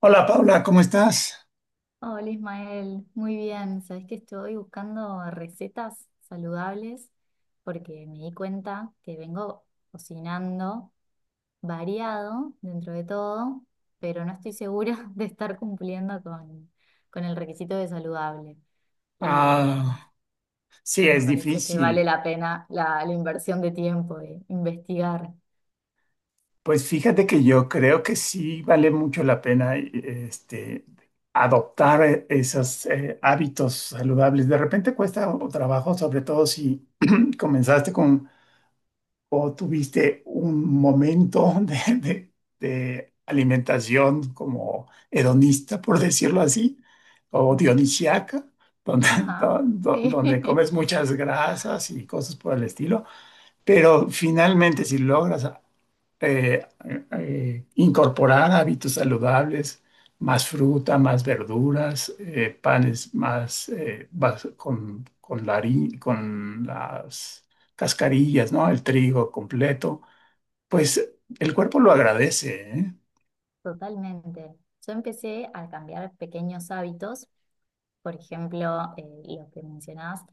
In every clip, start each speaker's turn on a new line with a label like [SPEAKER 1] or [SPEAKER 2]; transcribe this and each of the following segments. [SPEAKER 1] Hola Paula, ¿cómo estás?
[SPEAKER 2] Hola Ismael, muy bien. Sabes que estoy buscando recetas saludables porque me di cuenta que vengo cocinando variado dentro de todo, pero no estoy segura de estar cumpliendo con el requisito de saludable. Y,
[SPEAKER 1] Ah, sí,
[SPEAKER 2] y me
[SPEAKER 1] es
[SPEAKER 2] parece que vale
[SPEAKER 1] difícil.
[SPEAKER 2] la pena la inversión de tiempo de investigar.
[SPEAKER 1] Pues fíjate que yo creo que sí vale mucho la pena adoptar esos hábitos saludables. De repente cuesta trabajo, sobre todo si comenzaste con o tuviste un momento de alimentación como hedonista, por decirlo así, o dionisiaca, donde,
[SPEAKER 2] Ajá,
[SPEAKER 1] donde
[SPEAKER 2] sí,
[SPEAKER 1] comes muchas grasas y cosas por el estilo. Pero finalmente, si logras eh, incorporar hábitos saludables, más fruta, más verduras, panes más con, la con las cascarillas, ¿no? El trigo completo, pues el cuerpo lo agradece, ¿eh?
[SPEAKER 2] totalmente. Yo empecé a cambiar pequeños hábitos. Por ejemplo, lo que mencionabas,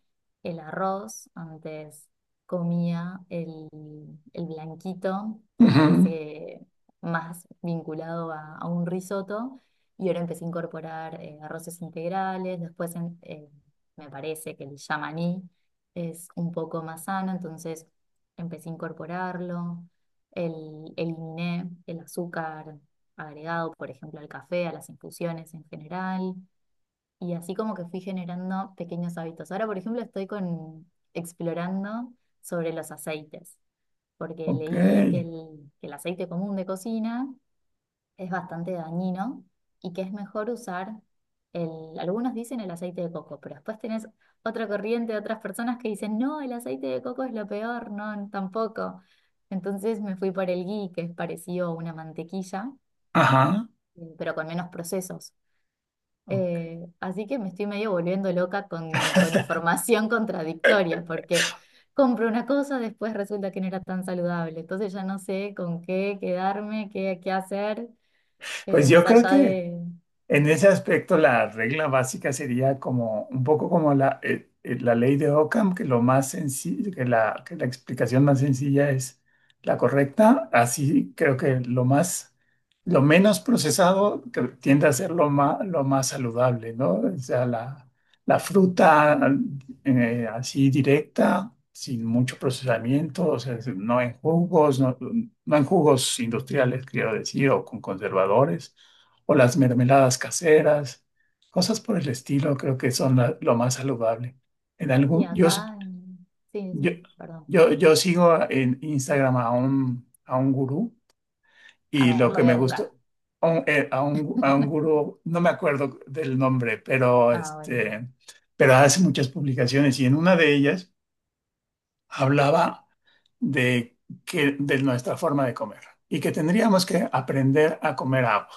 [SPEAKER 2] el arroz, antes comía el blanquito, que
[SPEAKER 1] Ujú.
[SPEAKER 2] parece más vinculado a un risotto, y ahora empecé a incorporar arroces integrales, después me parece que el yamaní es un poco más sano, entonces empecé a incorporarlo, eliminé el azúcar agregado, por ejemplo, al café, a las infusiones en general, y así como que fui generando pequeños hábitos. Ahora, por ejemplo, explorando sobre los aceites, porque
[SPEAKER 1] Ok.
[SPEAKER 2] leí que que el aceite común de cocina es bastante dañino y que es mejor usar algunos dicen el aceite de coco, pero después tenés otra corriente, otras personas que dicen, no, el aceite de coco es lo peor, no, tampoco. Entonces me fui por el ghee, que es parecido a una mantequilla,
[SPEAKER 1] Ajá.
[SPEAKER 2] pero con menos procesos.
[SPEAKER 1] Ok.
[SPEAKER 2] Así que me estoy medio volviendo loca con información contradictoria, porque compro una cosa, después resulta que no era tan saludable. Entonces ya no sé con qué quedarme, qué hacer,
[SPEAKER 1] Pues yo
[SPEAKER 2] más
[SPEAKER 1] creo
[SPEAKER 2] allá
[SPEAKER 1] que
[SPEAKER 2] de...
[SPEAKER 1] en ese aspecto, la regla básica sería como un poco como la, la ley de Ockham, que lo más sencillo, que la explicación más sencilla es la correcta. Así creo que lo más, lo menos procesado que tiende a ser lo más saludable, ¿no? O sea, la
[SPEAKER 2] Tal cual.
[SPEAKER 1] fruta así directa, sin mucho procesamiento, o sea, no en jugos, no en jugos industriales, quiero decir, o con conservadores o las mermeladas caseras, cosas por el estilo, creo que son lo más saludable. En
[SPEAKER 2] Y
[SPEAKER 1] algún, yo, s-
[SPEAKER 2] acá, sí, sí,
[SPEAKER 1] yo,
[SPEAKER 2] perdón.
[SPEAKER 1] yo sigo en Instagram a un gurú
[SPEAKER 2] A
[SPEAKER 1] y
[SPEAKER 2] ver,
[SPEAKER 1] lo
[SPEAKER 2] lo
[SPEAKER 1] que
[SPEAKER 2] voy a
[SPEAKER 1] me gustó,
[SPEAKER 2] buscar.
[SPEAKER 1] a un gurú, no me acuerdo del nombre, pero,
[SPEAKER 2] Ah, bueno.
[SPEAKER 1] pero hace muchas publicaciones y en una de ellas hablaba de, que, de nuestra forma de comer y que tendríamos que aprender a comer agua.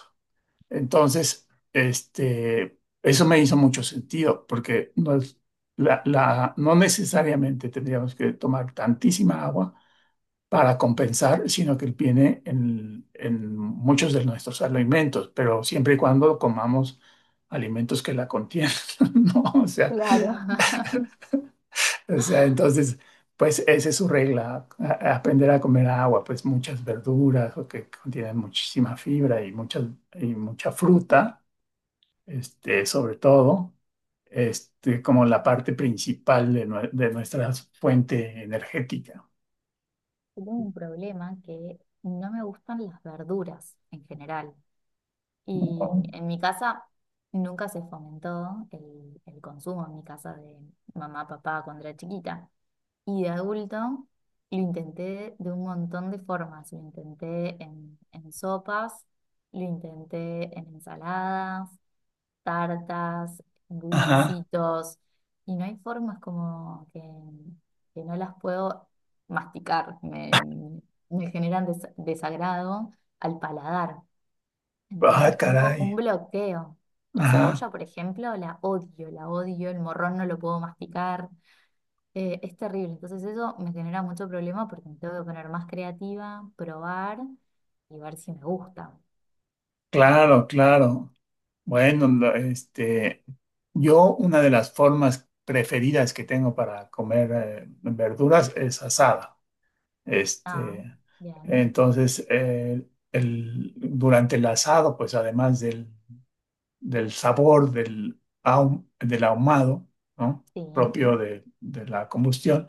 [SPEAKER 1] Entonces, eso me hizo mucho sentido, porque no, no necesariamente tendríamos que tomar tantísima agua para compensar, sino que viene en muchos de nuestros alimentos, pero siempre y cuando comamos alimentos que la contienen, ¿no? O sea,
[SPEAKER 2] Claro.
[SPEAKER 1] Claro. O sea, entonces, pues esa es su regla, a aprender a comer agua, pues muchas verduras o que contienen muchísima fibra y, muchas, y mucha fruta sobre todo, como la parte principal de, de nuestra fuente energética.
[SPEAKER 2] Tengo un problema, que no me gustan las verduras en general. Y en mi casa nunca se fomentó el consumo en mi casa de mamá, papá cuando era chiquita. Y de adulto lo intenté de un montón de formas. Lo intenté en sopas, lo intenté en ensaladas, tartas,
[SPEAKER 1] Ajá.
[SPEAKER 2] bullicitos. Y no hay formas como que no las puedo masticar. Me generan desagrado al paladar.
[SPEAKER 1] Ah,
[SPEAKER 2] Entonces tengo un
[SPEAKER 1] caray.
[SPEAKER 2] bloqueo. La cebolla,
[SPEAKER 1] Ajá.
[SPEAKER 2] por ejemplo, la odio, el morrón no lo puedo masticar, es terrible. Entonces eso me genera mucho problema porque me tengo que poner más creativa, probar y ver si me gusta.
[SPEAKER 1] Claro, claro. Bueno, yo una de las formas preferidas que tengo para comer verduras es asada.
[SPEAKER 2] Ah,
[SPEAKER 1] Este,
[SPEAKER 2] bien,
[SPEAKER 1] entonces, el, durante el asado, pues además del del sabor del, del ahumado, ¿no?
[SPEAKER 2] sí.
[SPEAKER 1] propio de la combustión,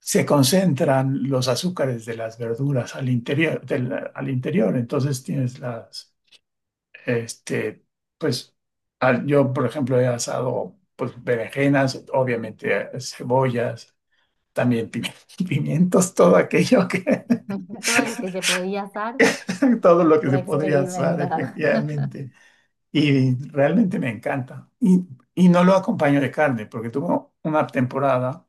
[SPEAKER 1] se concentran los azúcares de las verduras al interior, al interior. Entonces tienes las, este, pues, yo, por ejemplo, he asado, pues, berenjenas, obviamente, cebollas, también pimientos, todo aquello que,
[SPEAKER 2] Todo lo que se podía hacer
[SPEAKER 1] todo lo que se
[SPEAKER 2] fue
[SPEAKER 1] podría asar,
[SPEAKER 2] experimentar.
[SPEAKER 1] efectivamente. Y realmente me encanta. Y no lo acompaño de carne, porque tuve una temporada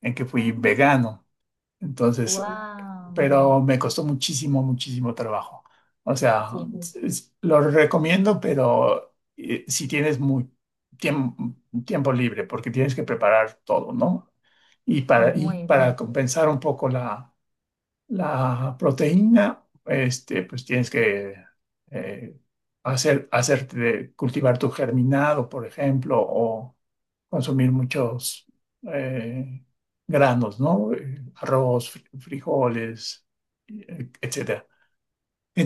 [SPEAKER 1] en que fui vegano. Entonces,
[SPEAKER 2] Wow.
[SPEAKER 1] pero me costó muchísimo, muchísimo trabajo. O sea,
[SPEAKER 2] Sí,
[SPEAKER 1] lo recomiendo, pero si tienes muy tiempo, tiempo libre, porque tienes que preparar todo, ¿no?
[SPEAKER 2] es
[SPEAKER 1] Y
[SPEAKER 2] muy
[SPEAKER 1] para
[SPEAKER 2] difícil.
[SPEAKER 1] compensar un poco la, la proteína, pues tienes que eh, hacer, cultivar tu germinado, por ejemplo, o consumir muchos eh, granos, ¿no? Arroz, frijoles, etcétera.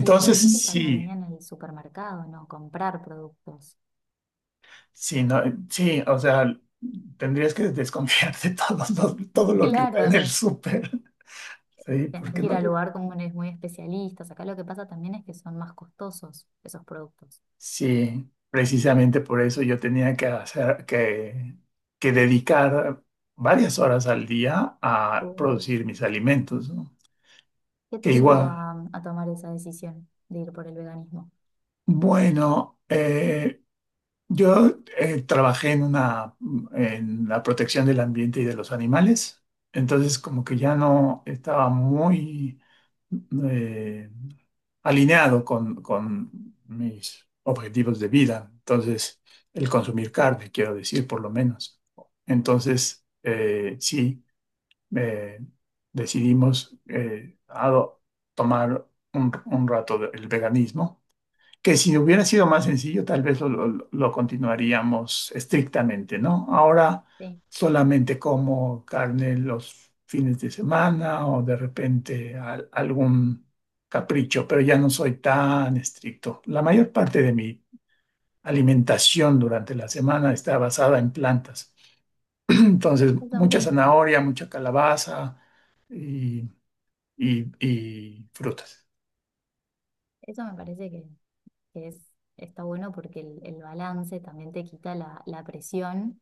[SPEAKER 2] Y es muy
[SPEAKER 1] ujú,
[SPEAKER 2] difícil para mí
[SPEAKER 1] sí,
[SPEAKER 2] en el supermercado, ¿no? Comprar productos.
[SPEAKER 1] sí, no, sí, o sea, tendrías que desconfiar de todo lo que está en
[SPEAKER 2] Claro.
[SPEAKER 1] el súper, sí,
[SPEAKER 2] Tenés
[SPEAKER 1] porque
[SPEAKER 2] que ir
[SPEAKER 1] no.
[SPEAKER 2] al lugar con unos muy especialistas. Acá lo que pasa también es que son más costosos esos productos.
[SPEAKER 1] Sí, precisamente por eso yo tenía que hacer que dedicar varias horas al día a
[SPEAKER 2] Uh,
[SPEAKER 1] producir mis alimentos, ¿no?
[SPEAKER 2] ¿Qué
[SPEAKER 1] Que
[SPEAKER 2] te
[SPEAKER 1] igual,
[SPEAKER 2] llevó a tomar esa decisión de ir por el veganismo?
[SPEAKER 1] bueno, yo trabajé en una en la protección del ambiente y de los animales, entonces como que ya no estaba muy eh, alineado con mis objetivos de vida. Entonces, el consumir carne, quiero decir, por lo menos. Entonces, sí, eh, decidimos tomar un el veganismo que si hubiera sido más sencillo, tal vez lo continuaríamos estrictamente, ¿no? Ahora
[SPEAKER 2] Sí,
[SPEAKER 1] solamente como carne los fines de semana o de repente algún capricho, pero ya no soy tan estricto. La mayor parte de mi alimentación durante la semana está basada en plantas. Entonces,
[SPEAKER 2] eso,
[SPEAKER 1] mucha
[SPEAKER 2] m-
[SPEAKER 1] zanahoria, mucha calabaza y, y frutas.
[SPEAKER 2] eso me parece que es, está bueno porque el balance también te quita la presión.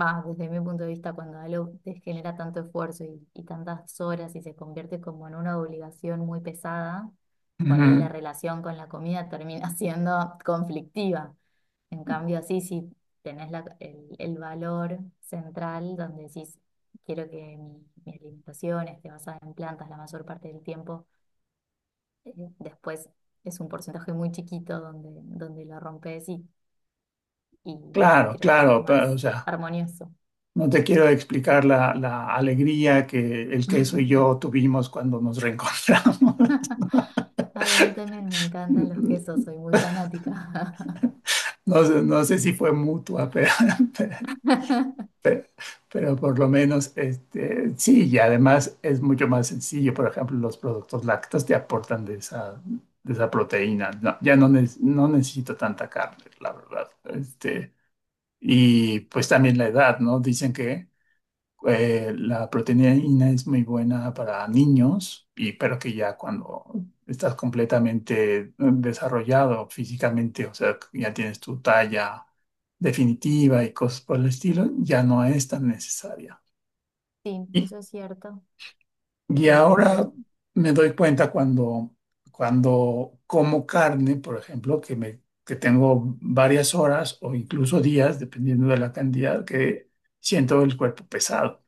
[SPEAKER 2] Va, desde mi punto de vista, cuando algo te genera tanto esfuerzo y tantas horas y se convierte como en una obligación muy pesada, por ahí la
[SPEAKER 1] Ujú.
[SPEAKER 2] relación con la comida termina siendo conflictiva. En cambio, así sí, tenés el valor central donde decís, quiero que mi alimentación esté basada en plantas la mayor parte del tiempo. Eh, Después es un porcentaje muy chiquito donde, donde lo rompes y
[SPEAKER 1] Claro,
[SPEAKER 2] creo que
[SPEAKER 1] claro,
[SPEAKER 2] es
[SPEAKER 1] pero, o
[SPEAKER 2] más
[SPEAKER 1] sea.
[SPEAKER 2] armonioso.
[SPEAKER 1] No te quiero explicar la, la alegría que el queso y yo tuvimos cuando nos reencontramos.
[SPEAKER 2] Ay, a mí también me encantan los quesos, soy muy fanática.
[SPEAKER 1] No, sé no sé si fue mutua, pero, pero, pero pero por lo menos sí, y además es mucho más sencillo. Por ejemplo, los productos lácteos te aportan de esa proteína. No, ya no, no necesito tanta carne, la verdad. Este, y pues también la edad, ¿no? Dicen que la proteína es muy buena para niños, y, pero que ya cuando estás completamente desarrollado físicamente, o sea, que ya tienes tu talla definitiva y cosas por el estilo, ya no es tan necesaria.
[SPEAKER 2] Sí,
[SPEAKER 1] Y,
[SPEAKER 2] eso es cierto,
[SPEAKER 1] y
[SPEAKER 2] lo escucho.
[SPEAKER 1] ahora me doy cuenta cuando, cuando como carne, por ejemplo, que me, que tengo varias horas o incluso días, dependiendo de la cantidad, que siento el cuerpo pesado.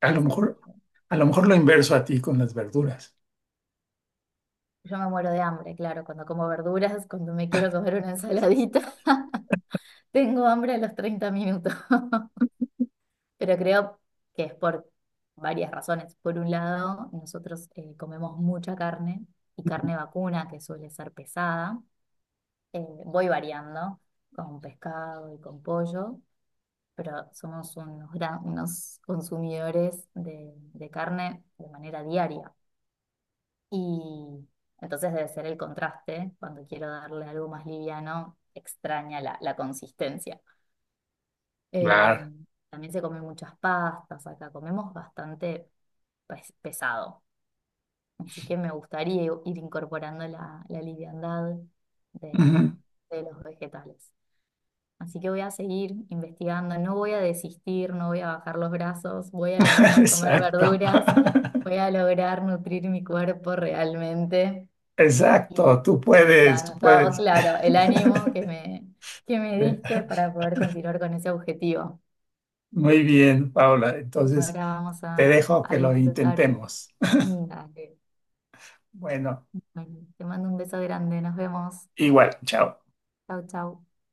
[SPEAKER 1] A lo
[SPEAKER 2] Dicen,
[SPEAKER 1] mejor, a lo mejor lo inverso a ti con las verduras.
[SPEAKER 2] yo me muero de hambre, claro, cuando como verduras, cuando me quiero comer una ensaladita, tengo hambre a los 30 minutos. Pero creo que es por varias razones. Por un lado, nosotros comemos mucha carne y carne vacuna, que suele ser pesada. Voy variando con pescado y con pollo, pero somos unos, unos consumidores de carne de manera diaria. Y entonces debe ser el contraste, cuando quiero darle algo más liviano, extraña la consistencia. Eh,
[SPEAKER 1] Claro.
[SPEAKER 2] También se comen muchas pastas acá, comemos bastante pesado. Así que me gustaría ir incorporando la liviandad de,
[SPEAKER 1] Ujú.
[SPEAKER 2] de los vegetales. Así que voy a seguir investigando, no voy a desistir, no voy a bajar los brazos, voy a lograr comer
[SPEAKER 1] Exacto.
[SPEAKER 2] verduras, voy a lograr nutrir mi cuerpo realmente.
[SPEAKER 1] Exacto,
[SPEAKER 2] Y
[SPEAKER 1] tú
[SPEAKER 2] me
[SPEAKER 1] puedes, tú
[SPEAKER 2] encantó,
[SPEAKER 1] puedes.
[SPEAKER 2] claro, el ánimo que me
[SPEAKER 1] Ve.
[SPEAKER 2] diste para poder continuar con ese objetivo.
[SPEAKER 1] Muy bien, Paula. Entonces,
[SPEAKER 2] Ahora vamos
[SPEAKER 1] te dejo
[SPEAKER 2] a
[SPEAKER 1] que lo
[SPEAKER 2] disfrutar.
[SPEAKER 1] intentemos.
[SPEAKER 2] Dale.
[SPEAKER 1] Bueno,
[SPEAKER 2] Bueno, te mando un beso grande, nos vemos.
[SPEAKER 1] igual, chao.
[SPEAKER 2] Chau, chau.